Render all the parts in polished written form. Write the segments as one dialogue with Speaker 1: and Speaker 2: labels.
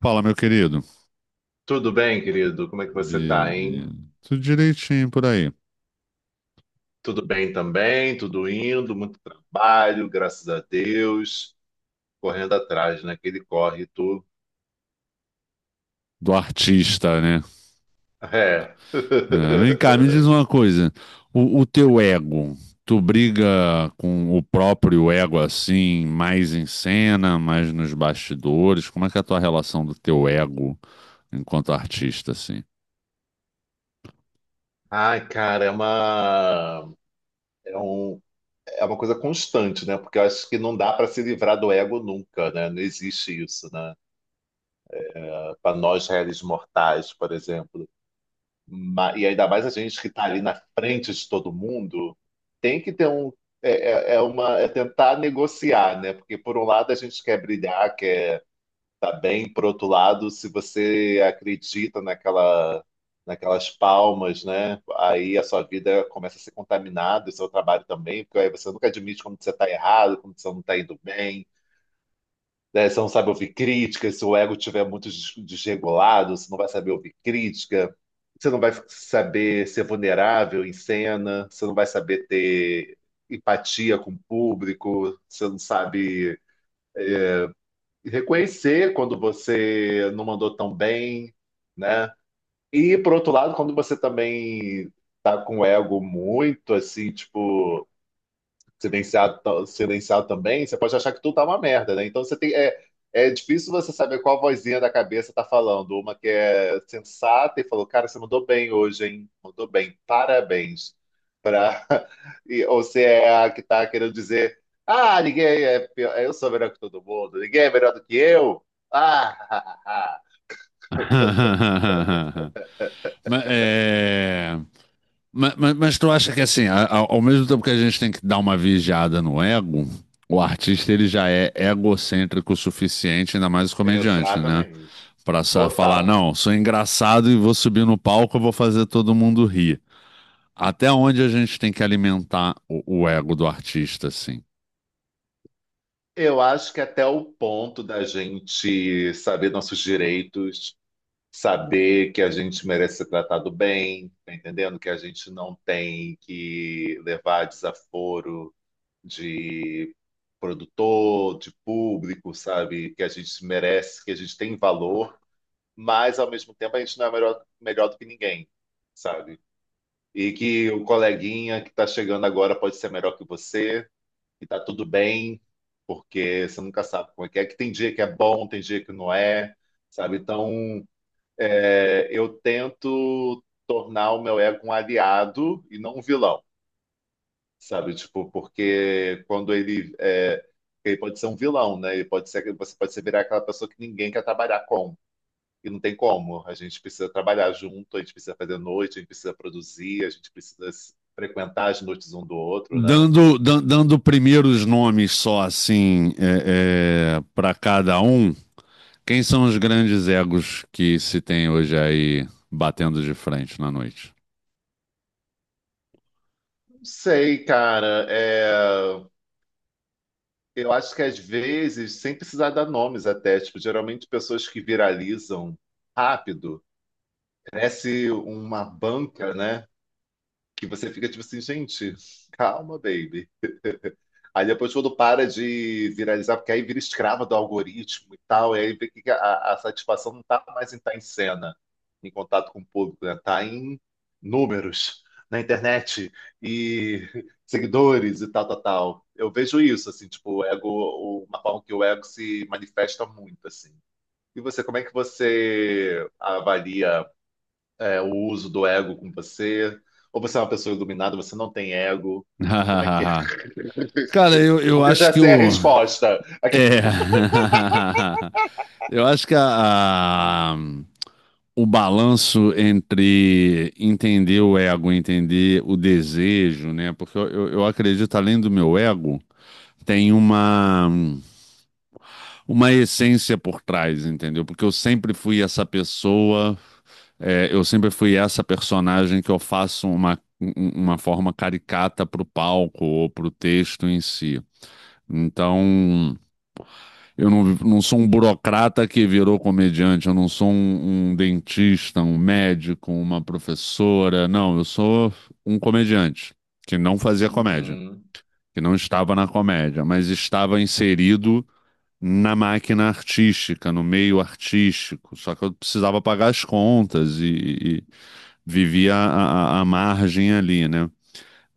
Speaker 1: Fala, meu querido.
Speaker 2: Tudo bem, querido? Como é que você tá, hein?
Speaker 1: Beleza. Tudo direitinho por aí.
Speaker 2: Tudo bem também, tudo indo, muito trabalho, graças a Deus. Correndo atrás, né? Que ele corre, tu.
Speaker 1: Do artista, né?
Speaker 2: É.
Speaker 1: É, vem cá, me diz uma coisa. O teu ego, tu briga com o próprio ego assim, mais em cena, mais nos bastidores? Como é que é a tua relação do teu ego enquanto artista, assim?
Speaker 2: Ai, cara, é um, é uma coisa constante, né? Porque eu acho que não dá para se livrar do ego nunca, né? Não existe isso, né? Para nós, réis mortais, por exemplo. E ainda mais a gente que está ali na frente de todo mundo, tem que ter um. É tentar negociar, né? Porque por um lado a gente quer brilhar, quer estar tá bem, por outro lado, se você acredita naquelas palmas, né? Aí a sua vida começa a ser contaminada, o seu trabalho também, porque aí você nunca admite quando você está errado, quando você não está indo bem, né? Você não sabe ouvir crítica, se o ego estiver muito desregulado, você não vai saber ouvir crítica, você não vai saber ser vulnerável em cena, você não vai saber ter empatia com o público, você não sabe reconhecer quando você não mandou tão bem, né? E por outro lado, quando você também tá com o ego muito assim, tipo silenciado, silenciado também, você pode achar que tudo tá uma merda, né? Então é difícil você saber qual vozinha da cabeça tá falando. Uma que é sensata e falou, cara, você mandou bem hoje, hein? Mandou bem, parabéns. Pra... E, ou você é a que tá querendo dizer, ah, ninguém é pior, eu sou melhor que todo mundo, ninguém é melhor do que eu. Ah,
Speaker 1: Mas, é... Mas, mas tu acha que assim, ao mesmo tempo que a gente tem que dar uma vigiada no ego, o artista ele já é egocêntrico o suficiente, ainda mais o comediante, né?
Speaker 2: exatamente.
Speaker 1: Pra só falar,
Speaker 2: Total.
Speaker 1: não, sou engraçado e vou subir no palco, eu vou fazer todo mundo rir. Até onde a gente tem que alimentar o ego do artista, assim?
Speaker 2: Eu acho que até o ponto da gente saber nossos direitos, saber que a gente merece ser tratado bem, tá entendendo? Que a gente não tem que levar desaforo de produtor, de público, sabe? Que a gente merece, que a gente tem valor, mas ao mesmo tempo a gente não é melhor, melhor do que ninguém, sabe? E que o coleguinha que está chegando agora pode ser melhor que você, e tá tudo bem, porque você nunca sabe como é, que tem dia que é bom, tem dia que não é, sabe? Então, eu tento tornar o meu ego um aliado e não um vilão, sabe? Tipo, porque quando ele é, ele pode ser um vilão, né? Ele pode ser, você pode ser virar aquela pessoa que ninguém quer trabalhar com. E não tem como. A gente precisa trabalhar junto, a gente precisa fazer noite, a gente precisa produzir, a gente precisa frequentar as noites um do outro, né?
Speaker 1: Dando primeiros nomes só assim para cada um, quem são os grandes egos que se tem hoje aí batendo de frente na noite?
Speaker 2: Não sei, cara. Eu acho que às vezes, sem precisar dar nomes até, tipo, geralmente pessoas que viralizam rápido. Parece uma banca, né? Que você fica tipo assim, gente, calma, baby. Aí depois quando para de viralizar, porque aí vira escrava do algoritmo e tal, e aí vê que a satisfação não tá mais em estar em cena, em contato com o público, né? Tá em números na internet e seguidores e tal, tal, tal. Eu vejo isso, assim, tipo, o ego, uma forma que o ego se manifesta muito, assim. E você, como é que você avalia? O uso do ego com você? Ou você é uma pessoa iluminada, você não tem ego? Como é que é?
Speaker 1: Cara, eu
Speaker 2: Porque eu
Speaker 1: acho
Speaker 2: já
Speaker 1: que
Speaker 2: sei a
Speaker 1: o.
Speaker 2: resposta. Aqui.
Speaker 1: É. Eu acho que o balanço entre entender o ego, entender o desejo, né? Porque eu acredito, além do meu ego, tem uma essência por trás, entendeu? Porque eu sempre fui essa pessoa, eu sempre fui essa personagem que eu faço uma forma caricata pro palco ou pro texto em si. Então. Eu não sou um burocrata que virou comediante, eu não sou um dentista, um médico, uma professora. Não, eu sou um comediante que não fazia comédia,
Speaker 2: Uhum,
Speaker 1: que não estava na comédia, mas estava inserido na máquina artística, no meio artístico. Só que eu precisava pagar as contas e, e vivia a margem ali, né?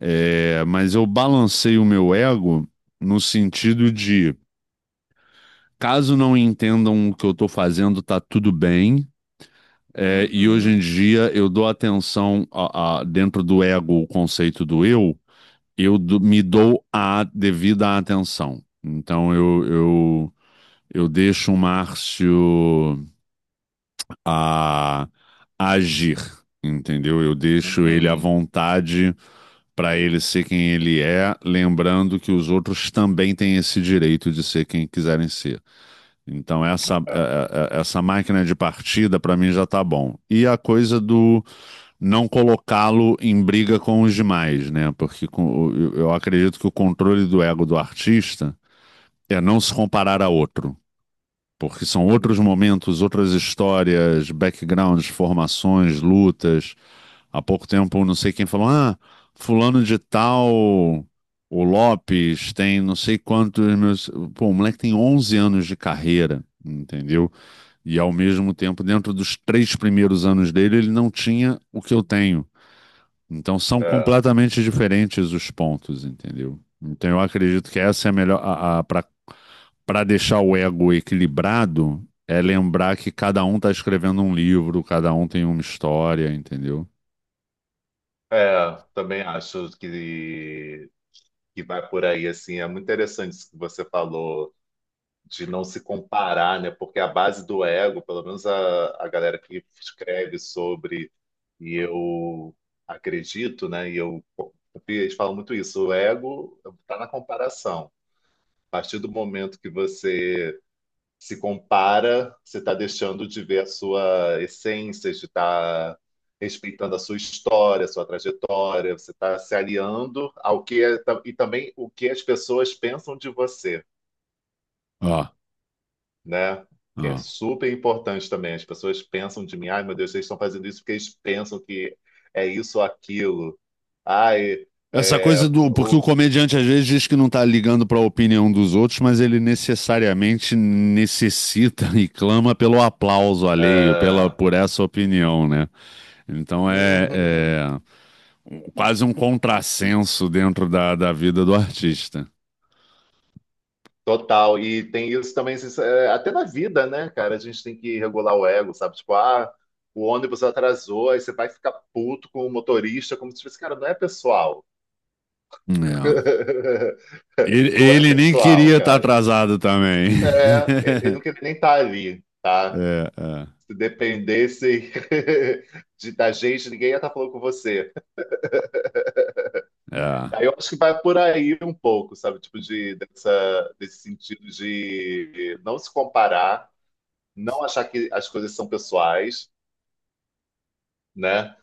Speaker 1: É, mas eu balancei o meu ego no sentido de caso não entendam o que eu estou fazendo, tá tudo bem. É, e hoje
Speaker 2: uhum,
Speaker 1: em dia eu dou atenção dentro do ego, o conceito do eu, me dou a devida atenção. Então eu deixo o Márcio a, a agir, entendeu? Eu deixo ele à
Speaker 2: uhum.
Speaker 1: vontade para ele ser quem ele é, lembrando que os outros também têm esse direito de ser quem quiserem ser. Então, essa,
Speaker 2: É,
Speaker 1: é- é- é- essa máquina de partida, para mim, já tá bom. E a coisa do não colocá-lo em briga com os demais, né? Porque com, o- eu acredito que o controle do ego do artista é não se comparar a outro. Porque são outros
Speaker 2: uhum,
Speaker 1: momentos, outras histórias, backgrounds, formações, lutas. Há pouco tempo, não sei quem falou, ah, fulano de tal, o Lopes tem não sei quantos meus... Pô, o moleque tem 11 anos de carreira, entendeu? E ao mesmo tempo, dentro dos três primeiros anos dele, ele não tinha o que eu tenho. Então são
Speaker 2: é.
Speaker 1: completamente diferentes os pontos, entendeu? Então eu acredito que essa é a melhor. Para deixar o ego equilibrado, é lembrar que cada um está escrevendo um livro, cada um tem uma história, entendeu?
Speaker 2: Também acho que vai por aí, assim. É muito interessante isso que você falou, de não se comparar, né? Porque a base do ego, pelo menos a galera que escreve sobre, e eu acredito, né? Eles falam muito isso, o ego está na comparação. A partir do momento que você se compara, você está deixando de ver a sua essência, de estar respeitando a sua história, a sua trajetória, você está se aliando ao que é, e também o que as pessoas pensam de você,
Speaker 1: Ó, ah,
Speaker 2: né?
Speaker 1: ó.
Speaker 2: Que é
Speaker 1: Ah.
Speaker 2: super importante também. As pessoas pensam de mim, ai meu Deus, eles estão fazendo isso porque eles pensam que é isso ou aquilo. Ai,
Speaker 1: Essa
Speaker 2: é,
Speaker 1: coisa do. Porque o
Speaker 2: o,
Speaker 1: comediante às vezes diz que não tá ligando pra opinião dos outros, mas ele necessariamente necessita e clama pelo aplauso alheio, pela,
Speaker 2: é,
Speaker 1: por essa opinião, né? Então
Speaker 2: uhum,
Speaker 1: é um- quase um contrassenso dentro da vida do artista.
Speaker 2: total. E tem isso também, isso é, até na vida, né, cara? A gente tem que regular o ego, sabe? Tipo, ah, o ônibus atrasou, aí você vai ficar puto com o motorista, como se fosse, cara, não é pessoal.
Speaker 1: É. Ele,
Speaker 2: Não é
Speaker 1: ele nem
Speaker 2: pessoal,
Speaker 1: queria estar
Speaker 2: cara.
Speaker 1: atrasado também.
Speaker 2: É, ele não queria nem estar ali. Tá.
Speaker 1: É,
Speaker 2: Se dependesse da gente, ninguém ia estar falando com você.
Speaker 1: é.
Speaker 2: Aí eu acho que vai por aí um pouco, sabe? Tipo, desse sentido de não se comparar, não achar que as coisas são pessoais, né?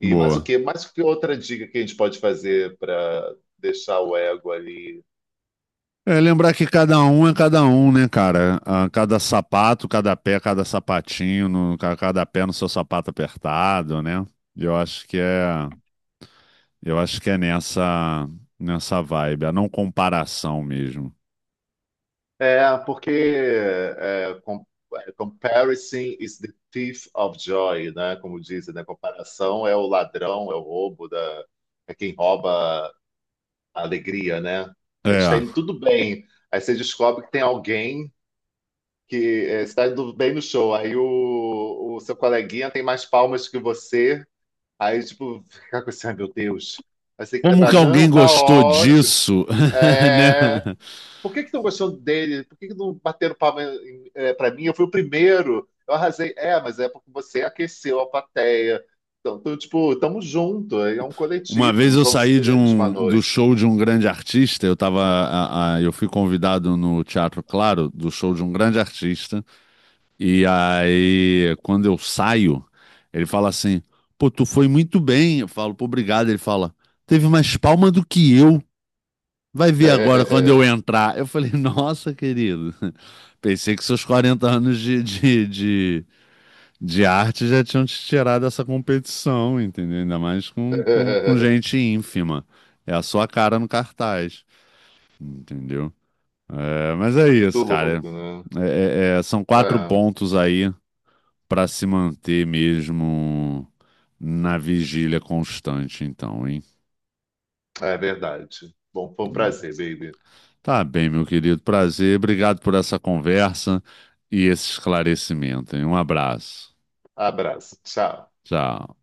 Speaker 2: E mais o
Speaker 1: Boa.
Speaker 2: quê? Mais que outra dica que a gente pode fazer para deixar o ego ali?
Speaker 1: É lembrar que cada um é cada um, né, cara? Ah, cada sapato, cada pé, cada sapatinho, cada pé no seu sapato apertado, né? Eu acho que é, eu acho que é nessa vibe, a não comparação mesmo.
Speaker 2: É, porque é, com- é, comparison is the thief of joy, né? Como dizem, né? Comparação é o ladrão, é o roubo da, é quem rouba a alegria, né? A gente tá
Speaker 1: É.
Speaker 2: indo tudo bem. Aí você descobre que tem alguém que está indo bem no show. Aí o seu coleguinha tem mais palmas que você. Aí, tipo, fica com esse, ai meu Deus. Aí você quer
Speaker 1: Como
Speaker 2: pra.
Speaker 1: que alguém
Speaker 2: Não, tá
Speaker 1: gostou
Speaker 2: ótimo.
Speaker 1: disso, né?
Speaker 2: É... Por que que estão gostando dele? Por que que não bateram palma pra mim? Eu fui o primeiro. Eu arrasei. É, mas é porque você aqueceu a plateia. Então, tu, tipo, tamo junto. É um
Speaker 1: Uma vez
Speaker 2: coletivo.
Speaker 1: eu
Speaker 2: Somos
Speaker 1: saí
Speaker 2: um
Speaker 1: de
Speaker 2: elenco de uma
Speaker 1: um do
Speaker 2: noite.
Speaker 1: show de um grande artista, eu tava, eu fui convidado no Teatro Claro do show de um grande artista. E aí, quando eu saio, ele fala assim: pô, tu foi muito bem. Eu falo, pô, obrigado. Ele fala, teve mais palma do que eu. Vai ver agora quando eu entrar. Eu falei, nossa, querido, pensei que seus 40 anos de arte já tinham te tirado dessa competição, entendeu? Ainda mais com gente ínfima. É a sua cara no cartaz, entendeu? É, mas é
Speaker 2: Muito
Speaker 1: isso, cara.
Speaker 2: louco, né?
Speaker 1: São 4 pontos aí para se manter mesmo na vigília constante, então, hein?
Speaker 2: É, é verdade. Bom, foi um
Speaker 1: Hum.
Speaker 2: prazer, baby.
Speaker 1: Tá bem, meu querido. Prazer. Obrigado por essa conversa e esse esclarecimento, hein? Um abraço.
Speaker 2: Abraço. Tchau.
Speaker 1: Tchau.